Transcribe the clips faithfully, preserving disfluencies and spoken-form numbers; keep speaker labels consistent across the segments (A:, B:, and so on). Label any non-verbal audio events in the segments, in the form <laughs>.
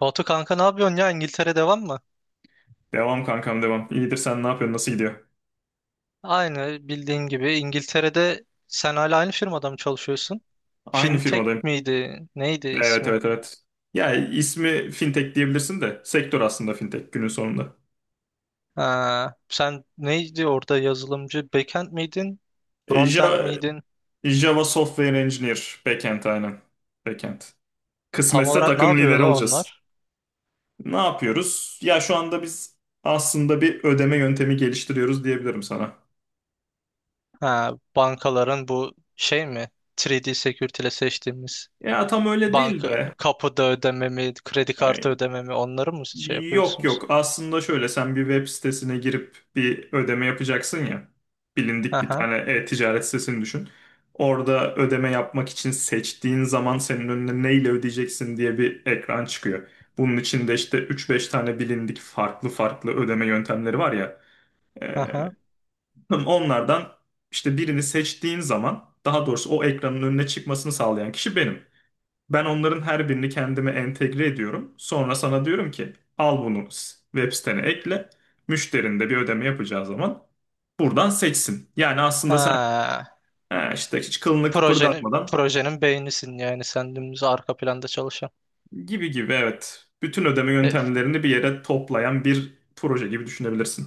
A: Batu kanka ne yapıyorsun ya? İngiltere devam mı?
B: Devam kankam devam. İyidir sen ne yapıyorsun? Nasıl gidiyor?
A: Aynı bildiğin gibi İngiltere'de sen hala aynı firmada mı çalışıyorsun?
B: Aynı
A: Fintech
B: firmadayım.
A: miydi? Neydi
B: Evet
A: ismi?
B: evet evet. Ya ismi fintech diyebilirsin de sektör aslında fintech günün sonunda.
A: Ha, sen neydi orada yazılımcı? Backend miydin?
B: E,
A: Frontend
B: Java,
A: miydin?
B: Java Software Engineer backend aynen. Backend.
A: Tam
B: Kısmetse
A: olarak ne
B: takım
A: yapıyor
B: lideri
A: la
B: olacağız.
A: onlar?
B: Ne yapıyoruz? Ya şu anda biz aslında bir ödeme yöntemi geliştiriyoruz diyebilirim sana.
A: Ha, bankaların bu şey mi? üç D Security ile seçtiğimiz
B: Ya tam öyle değil
A: banka
B: de
A: kapıda ödememi, kredi kartı
B: e,
A: ödememi onları mı şey
B: Yok
A: yapıyorsunuz?
B: yok aslında şöyle sen bir web sitesine girip bir ödeme yapacaksın ya bilindik bir
A: Aha,
B: tane e-ticaret sitesini düşün. Orada ödeme yapmak için seçtiğin zaman senin önüne neyle ödeyeceksin diye bir ekran çıkıyor. Bunun içinde işte üç beş tane bilindik farklı farklı ödeme yöntemleri var ya. Ee,
A: aha.
B: onlardan işte birini seçtiğin zaman daha doğrusu o ekranın önüne çıkmasını sağlayan kişi benim. Ben onların her birini kendime entegre ediyorum. Sonra sana diyorum ki al bunu s- web sitene ekle. Müşterin de bir ödeme yapacağı zaman buradan seçsin. Yani aslında sen
A: Ha.
B: "Ha işte hiç kılını
A: Projenin,
B: kıpırdatmadan
A: projenin beynisin yani sen dümdüz arka planda çalışan.
B: gibi gibi evet. Bütün ödeme
A: E,
B: yöntemlerini bir yere toplayan bir proje gibi düşünebilirsin.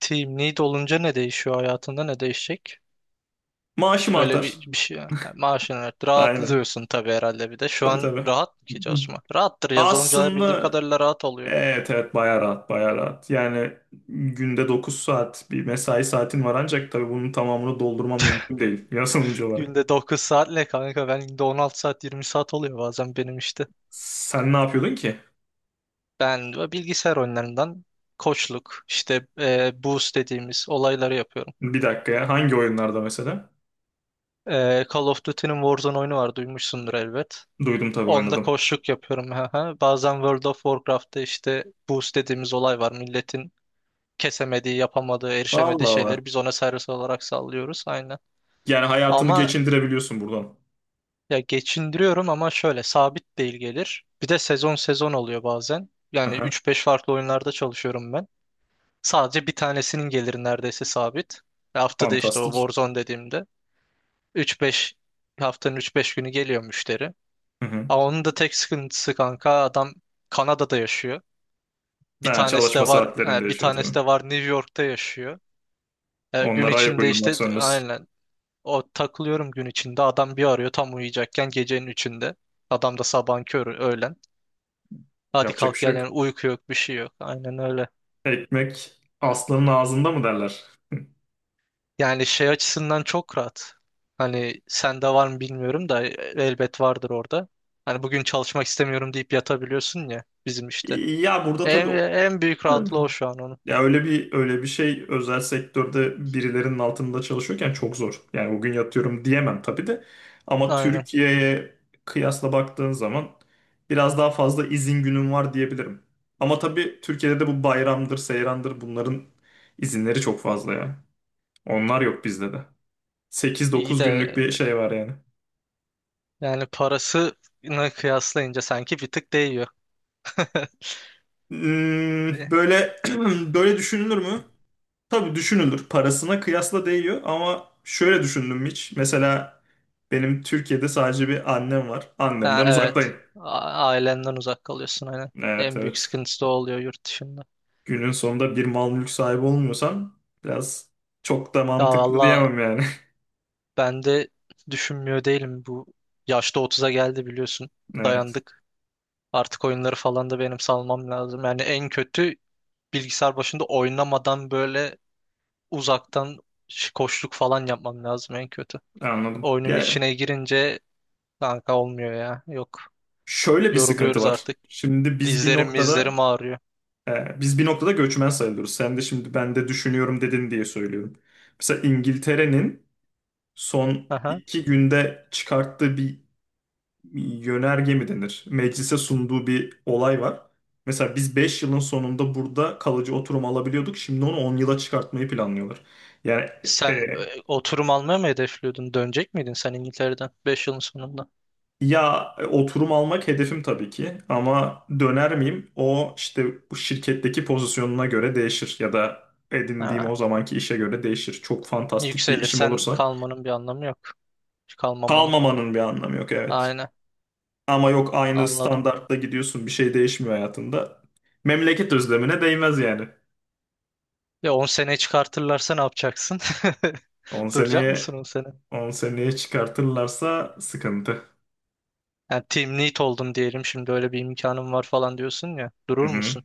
A: Team lead olunca ne değişiyor hayatında ne değişecek?
B: Maaşım
A: Öyle
B: artar.
A: bir, bir şey. Yani maaşını ver.
B: Aynen.
A: Rahatlıyorsun tabii herhalde bir de. Şu
B: Tabii
A: an
B: tabii.
A: rahat mı ki
B: Hı.
A: çalışma? Rahattır. Yazılımcılar bildiğim
B: Aslında
A: kadarıyla rahat oluyor.
B: evet evet bayağı rahat bayağı rahat. Yani günde dokuz saat bir mesai saatin var ancak tabii bunun tamamını doldurman mümkün değil <laughs> yazılımcı olarak.
A: Günde dokuz saat ne kanka? Ben günde on altı saat yirmi saat oluyor bazen benim işte.
B: Sen ne yapıyordun ki?
A: Ben de bilgisayar oyunlarından koçluk işte e, boost dediğimiz olayları yapıyorum.
B: Bir dakika ya hangi oyunlarda mesela?
A: E, Call of Duty'nin Warzone oyunu var duymuşsundur elbet.
B: Duydum tabii
A: Onda
B: oynadım.
A: koçluk yapıyorum. Hı hı. Bazen World of Warcraft'ta işte boost dediğimiz olay var. Milletin kesemediği, yapamadığı, erişemediği
B: Allah Allah.
A: şeyleri biz ona servis olarak sallıyoruz. Aynen.
B: Yani hayatını
A: Ama
B: geçindirebiliyorsun buradan.
A: ya geçindiriyorum ama şöyle sabit değil gelir. Bir de sezon sezon oluyor bazen. Yani
B: Aha,
A: üç beş farklı oyunlarda çalışıyorum ben. Sadece bir tanesinin geliri neredeyse sabit. Ve haftada işte o
B: fantastik.
A: Warzone dediğimde üç beş haftanın üç beş günü geliyor müşteri.
B: Hı hı.
A: Ama onun da tek sıkıntısı kanka adam Kanada'da yaşıyor. Bir
B: Ha,
A: tanesi
B: çalışma
A: de var,
B: saatlerinde
A: e, bir
B: yaşıyor
A: tanesi
B: tabii.
A: de var New York'ta yaşıyor. E, gün
B: Onlara ayak
A: içinde
B: uydurmak
A: işte
B: zorundasın.
A: aynen o takılıyorum gün içinde. Adam bir arıyor tam uyuyacakken gecenin üçünde. Adam da sabahın körü öğlen. Hadi
B: Yapacak bir
A: kalk
B: şey
A: gel
B: yok.
A: yani uyku yok bir şey yok. Aynen öyle.
B: Ekmek aslanın ağzında mı derler?
A: Yani şey açısından çok rahat. Hani sende var mı bilmiyorum da elbet vardır orada. Hani bugün çalışmak istemiyorum deyip yatabiliyorsun ya bizim işte.
B: Ya burada
A: En,
B: tabii.
A: en büyük rahatlığı o şu an onun.
B: Ya öyle bir öyle bir şey özel sektörde birilerinin altında çalışıyorken çok zor. Yani bugün yatıyorum diyemem tabii de. Ama
A: Aynen.
B: Türkiye'ye kıyasla baktığın zaman biraz daha fazla izin günüm var diyebilirim. Ama tabii Türkiye'de de bu bayramdır, seyrandır bunların izinleri çok fazla ya. Onlar yok bizde de. Sekiz
A: İyi
B: dokuz
A: de
B: günlük bir şey var yani.
A: yani parasını kıyaslayınca sanki bir tık değiyor. <laughs>
B: Hmm, böyle <clears throat> böyle düşünülür mü? Tabii düşünülür. Parasına kıyasla değiyor ama şöyle düşündüm hiç. Mesela benim Türkiye'de sadece bir annem var.
A: Ha,
B: Annemden
A: evet.
B: uzaktayım.
A: A- Ailenden uzak kalıyorsun aynen.
B: Evet
A: En büyük
B: evet.
A: sıkıntısı da o oluyor yurt dışında.
B: Günün sonunda bir mal mülk sahibi olmuyorsan biraz çok da
A: Ya
B: mantıklı
A: valla
B: diyemem yani. <laughs>
A: ben de düşünmüyor değilim bu. Yaşta otuza geldi biliyorsun.
B: Evet,
A: Dayandık. Artık oyunları falan da benim salmam lazım. Yani en kötü bilgisayar başında oynamadan böyle uzaktan ş- koşluk falan yapmam lazım en kötü.
B: anladım.
A: Oyunun
B: Ya
A: içine girince kanka olmuyor ya. Yok.
B: şöyle bir sıkıntı
A: Yoruluyoruz
B: var.
A: artık.
B: Şimdi biz bir
A: Dizlerim
B: noktada
A: mizlerim ağrıyor.
B: e, biz bir noktada göçmen sayılıyoruz. Sen de şimdi ben de düşünüyorum dedin diye söylüyorum. Mesela İngiltere'nin son
A: Aha.
B: iki günde çıkarttığı bir yönerge mi denir? Meclise sunduğu bir olay var. Mesela biz beş yılın sonunda burada kalıcı oturum alabiliyorduk. Şimdi onu on yıla çıkartmayı planlıyorlar. Yani e,
A: Sen e, oturum almaya mı hedefliyordun? Dönecek miydin sen İngiltere'den beş yılın sonunda?
B: ya oturum almak hedefim tabii ki ama döner miyim? O işte bu şirketteki pozisyonuna göre değişir ya da edindiğim
A: Ha.
B: o zamanki işe göre değişir. Çok fantastik bir işim
A: Yükselirsen
B: olursa
A: kalmanın bir anlamı yok. Kalmamanın.
B: kalmamanın bir anlamı yok evet.
A: Aynen,
B: Ama yok aynı
A: anladım.
B: standartta gidiyorsun bir şey değişmiyor hayatında. Memleket özlemine değmez yani.
A: Ya on sene çıkartırlarsa ne yapacaksın?
B: on
A: <laughs> Duracak
B: seneye
A: mısın on sene?
B: on seneye çıkartırlarsa sıkıntı.
A: Yani team lead oldum diyelim şimdi öyle bir imkanım var falan diyorsun ya.
B: Hı
A: Durur
B: hı.
A: musun?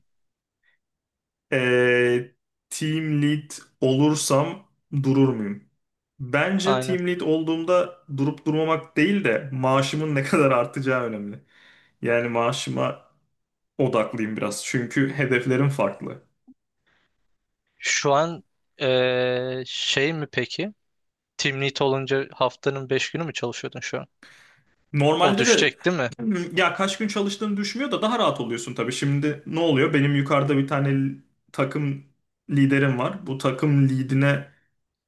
B: Ee, team lead olursam durur muyum? Bence
A: Aynen.
B: team lead olduğumda durup durmamak değil de maaşımın ne <laughs> kadar artacağı önemli. Yani maaşıma odaklıyım biraz. Çünkü hedeflerim farklı.
A: Şu an e, şey mi peki? Team lead olunca haftanın beş günü mü çalışıyordun şu an? O
B: Normalde de
A: düşecek değil mi?
B: ya kaç gün çalıştığını düşmüyor da daha rahat oluyorsun tabii. Şimdi ne oluyor? Benim yukarıda bir tane l- takım liderim var. Bu takım lidine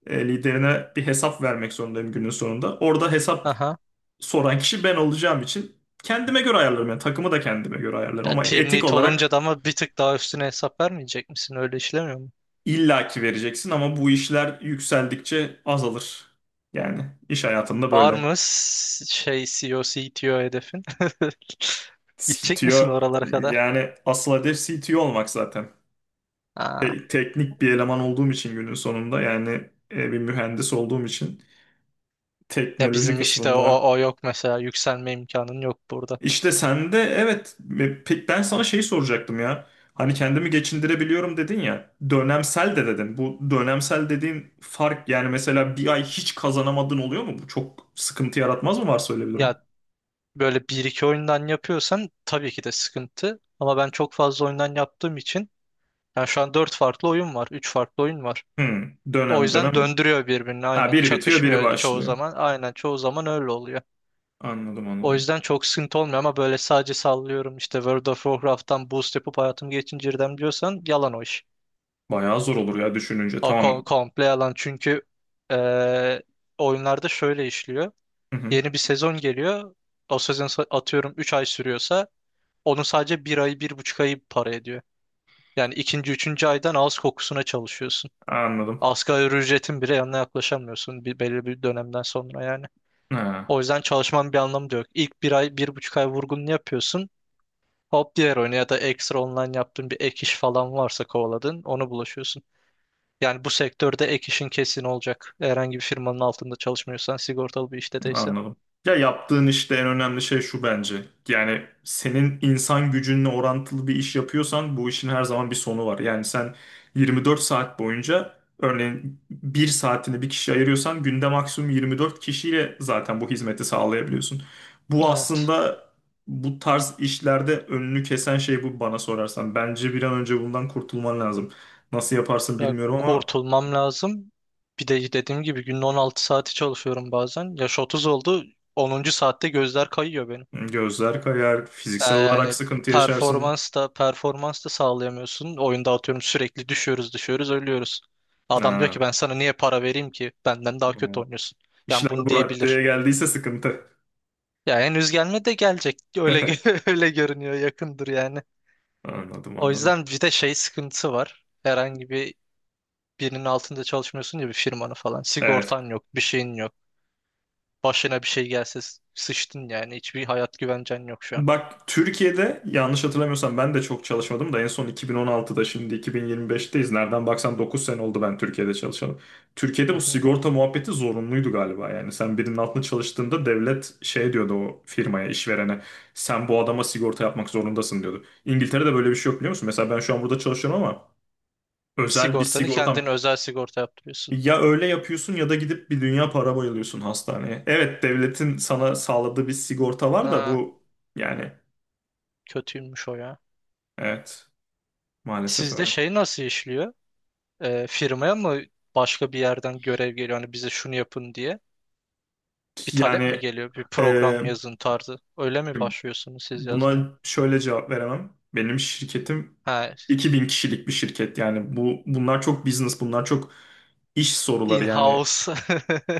B: e, liderine bir hesap vermek zorundayım günün sonunda. Orada hesap
A: Aha.
B: soran kişi ben olacağım için kendime göre ayarlarım. Yani takımı da kendime göre ayarlarım
A: Ya,
B: ama
A: team
B: etik
A: lead
B: olarak
A: olunca da ama bir tık daha üstüne hesap vermeyecek misin? Öyle işlemiyor mu?
B: illaki vereceksin ama bu işler yükseldikçe azalır. Yani iş hayatında
A: Var
B: böyle.
A: mı s- şey C E O, C T O hedefin? <laughs> Gidecek misin
B: C T O
A: oralara kadar?
B: yani asıl hedef C T O olmak zaten.
A: Aa.
B: Te- teknik bir eleman olduğum için günün sonunda yani e, bir mühendis olduğum için
A: Ya
B: teknoloji
A: bizim işte
B: kısmında.
A: o, o yok mesela. Yükselme imkanın yok burada.
B: İşte sen de evet e, pek ben sana şeyi soracaktım ya. Hani kendimi geçindirebiliyorum dedin ya. Dönemsel de dedin. Bu dönemsel dediğin fark yani mesela bir ay hiç kazanamadın oluyor mu? Bu çok sıkıntı yaratmaz mı varsa öyle bir durum?
A: Ya böyle bir iki oyundan yapıyorsan tabii ki de sıkıntı. Ama ben çok fazla oyundan yaptığım için yani şu an dört farklı oyun var. Üç farklı oyun var.
B: Hmm,
A: O
B: dönem
A: yüzden
B: dönem.
A: döndürüyor birbirini
B: Ha
A: aynen.
B: biri bitiyor biri
A: Çakışmıyor çoğu
B: başlıyor.
A: zaman. Aynen çoğu zaman öyle oluyor.
B: Anladım
A: O
B: anladım.
A: yüzden çok sıkıntı olmuyor ama böyle sadece sallıyorum işte World of Warcraft'tan boost yapıp hayatım geçindirdim diyorsan yalan o iş.
B: Bayağı zor olur ya düşününce.
A: O kom-
B: Tamam.
A: komple yalan çünkü eee, oyunlarda şöyle işliyor.
B: Hı hı,
A: Yeni bir sezon geliyor. O sezon sa- atıyorum üç ay sürüyorsa onun sadece bir ayı bir buçuk ayı para ediyor. Yani ikinci, üçüncü aydan ağız kokusuna çalışıyorsun.
B: anladım.
A: Asgari ücretin bile yanına yaklaşamıyorsun bir, belli bir dönemden sonra yani.
B: Ha.
A: O yüzden çalışmanın bir anlamı da yok. İlk bir ay, bir buçuk ay vurgununu yapıyorsun. Hop diğer oyuna ya da ekstra online yaptığın bir ek iş falan varsa kovaladın, onu bulaşıyorsun. Yani bu sektörde ek işin kesin olacak. Herhangi bir firmanın altında çalışmıyorsan, sigortalı bir işte değilse.
B: Anladım. Ya yaptığın işte en önemli şey şu bence. Yani senin insan gücünle orantılı bir iş yapıyorsan bu işin her zaman bir sonu var. Yani sen yirmi dört saat boyunca örneğin bir saatini bir kişiye ayırıyorsan günde maksimum yirmi dört kişiyle zaten bu hizmeti sağlayabiliyorsun. Bu
A: Evet.
B: aslında bu tarz işlerde önünü kesen şey bu bana sorarsan. Bence bir an önce bundan kurtulman lazım. Nasıl yaparsın
A: Ya
B: bilmiyorum ama
A: kurtulmam lazım. Bir de dediğim gibi günde on altı saati çalışıyorum bazen. Yaş otuz oldu. Onuncu saatte gözler kayıyor benim.
B: gözler kayar,
A: Ee,
B: fiziksel olarak
A: Yani
B: sıkıntı yaşarsın.
A: performans da performans da sağlayamıyorsun. Oyunda atıyorum sürekli düşüyoruz düşüyoruz ölüyoruz. Adam diyor ki
B: Ha.
A: ben sana niye para vereyim ki? Benden daha kötü
B: tamam.
A: oynuyorsun. Yani
B: İşler
A: bunu
B: bu
A: diyebilir.
B: raddeye geldiyse sıkıntı.
A: Ya henüz gelme de gelecek. Öyle
B: <laughs>
A: gö- <laughs> öyle görünüyor yakındır yani.
B: Anladım
A: O
B: anladım.
A: yüzden bir de şey sıkıntısı var. Herhangi bir birinin altında çalışmıyorsun ya bir firmanın falan.
B: Evet.
A: Sigortan yok, bir şeyin yok. Başına bir şey gelse s- sıçtın yani. Hiçbir hayat güvencen yok şu an.
B: Bak Türkiye'de yanlış hatırlamıyorsam ben de çok çalışmadım da en son iki bin on altıda şimdi iki bin yirmi beşteyiz. Nereden baksan dokuz sene oldu ben Türkiye'de çalışalım. Türkiye'de
A: Hı
B: bu
A: hı.
B: sigorta muhabbeti zorunluydu galiba yani. Sen birinin altında çalıştığında devlet şey diyordu o firmaya, işverene. Sen bu adama sigorta yapmak zorundasın diyordu. İngiltere'de böyle bir şey yok biliyor musun? Mesela ben şu an burada çalışıyorum ama özel bir
A: Sigortanı kendin
B: sigortam.
A: özel sigorta yaptırıyorsun.
B: Ya öyle yapıyorsun ya da gidip bir dünya para bayılıyorsun hastaneye. Evet devletin sana sağladığı bir sigorta var da bu yani
A: Kötüymüş o ya.
B: evet maalesef
A: Sizde
B: öyle.
A: şey nasıl işliyor? Ee, firmaya mı başka bir yerden görev geliyor? Hani bize şunu yapın diye. Bir talep mi
B: Yani
A: geliyor? Bir
B: e,
A: program yazın tarzı. Öyle mi başlıyorsunuz siz yazmaya?
B: buna şöyle cevap veremem. Benim şirketim
A: Ha,
B: iki bin kişilik bir şirket yani bu bunlar çok business bunlar çok iş soruları yani.
A: in-house.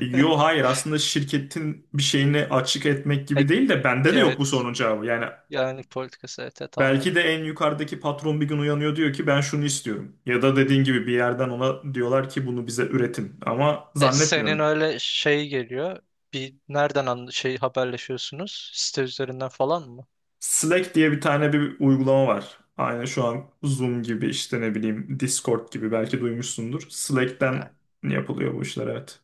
B: Yo hayır aslında şirketin bir şeyini açık etmek
A: E,
B: gibi değil de bende de yok bu
A: Evet.
B: sorunun cevabı. Yani
A: Yani politikası. Evet, evet
B: belki
A: anladım.
B: de en yukarıdaki patron bir gün uyanıyor diyor ki ben şunu istiyorum. Ya da dediğin gibi bir yerden ona diyorlar ki bunu bize üretin. Ama
A: E, senin
B: zannetmiyorum.
A: öyle şey geliyor. Bir nereden anla- şey haberleşiyorsunuz? Site üzerinden falan mı?
B: Slack diye bir tane bir uygulama var. Aynı şu an Zoom gibi işte ne bileyim Discord gibi belki duymuşsundur. Slack'ten
A: Ha,
B: yapılıyor bu işler evet.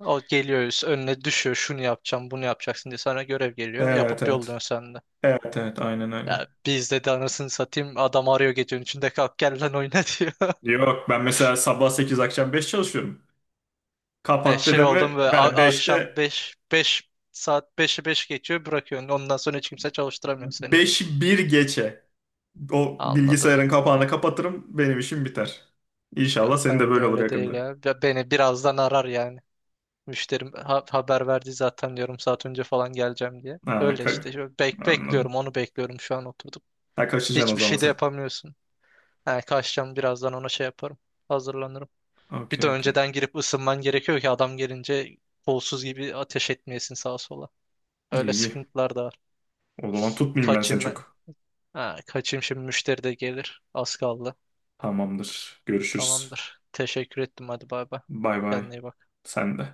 A: o geliyor önüne düşüyor şunu yapacağım bunu yapacaksın diye sana görev geliyor
B: Evet
A: yapıp
B: evet.
A: yolluyorsun sen de.
B: Evet evet aynen öyle.
A: Ya biz dedi anasını satayım adam arıyor gecenin içinde kalk gel lan oyna <laughs> diyor.
B: Yok ben mesela sabah sekiz akşam beş çalışıyorum.
A: He,
B: Kapat
A: şey
B: dedemi
A: oldum ve
B: ben
A: a- akşam
B: beşte
A: beş beş saat beş'i beş geçiyor bırakıyorsun. Ondan sonra hiç kimse çalıştıramıyor seni.
B: beşi bir geçe. O bilgisayarın
A: Anladım.
B: kapağını kapatırım. Benim işim biter. İnşallah
A: Yok
B: senin de
A: ben de
B: böyle olur
A: öyle
B: yakında.
A: değil ya. Ya beni birazdan arar yani. Müşterim ha- haber verdi zaten diyorum saat önce falan geleceğim diye.
B: Ha,
A: Öyle
B: ka-
A: işte. Şöyle Bek bekliyorum
B: anladım.
A: onu bekliyorum şu an oturdum.
B: Ha kaçacaksın o
A: Hiçbir
B: zaman
A: şey de
B: sen.
A: yapamıyorsun. He, kaçacağım birazdan ona şey yaparım. Hazırlanırım. Bir
B: Okey
A: de
B: okey.
A: önceden girip ısınman gerekiyor ki adam gelince kolsuz gibi ateş etmeyesin sağa sola.
B: İyi
A: Öyle
B: iyi.
A: sıkıntılar da var.
B: O zaman tutmayayım ben seni
A: Kaçayım ben.
B: çok.
A: Ha, kaçayım şimdi müşteri de gelir. Az kaldı.
B: Tamamdır. Görüşürüz.
A: Tamamdır. Teşekkür ettim hadi bay bay.
B: Bay bay.
A: Kendine iyi bak.
B: Sen de.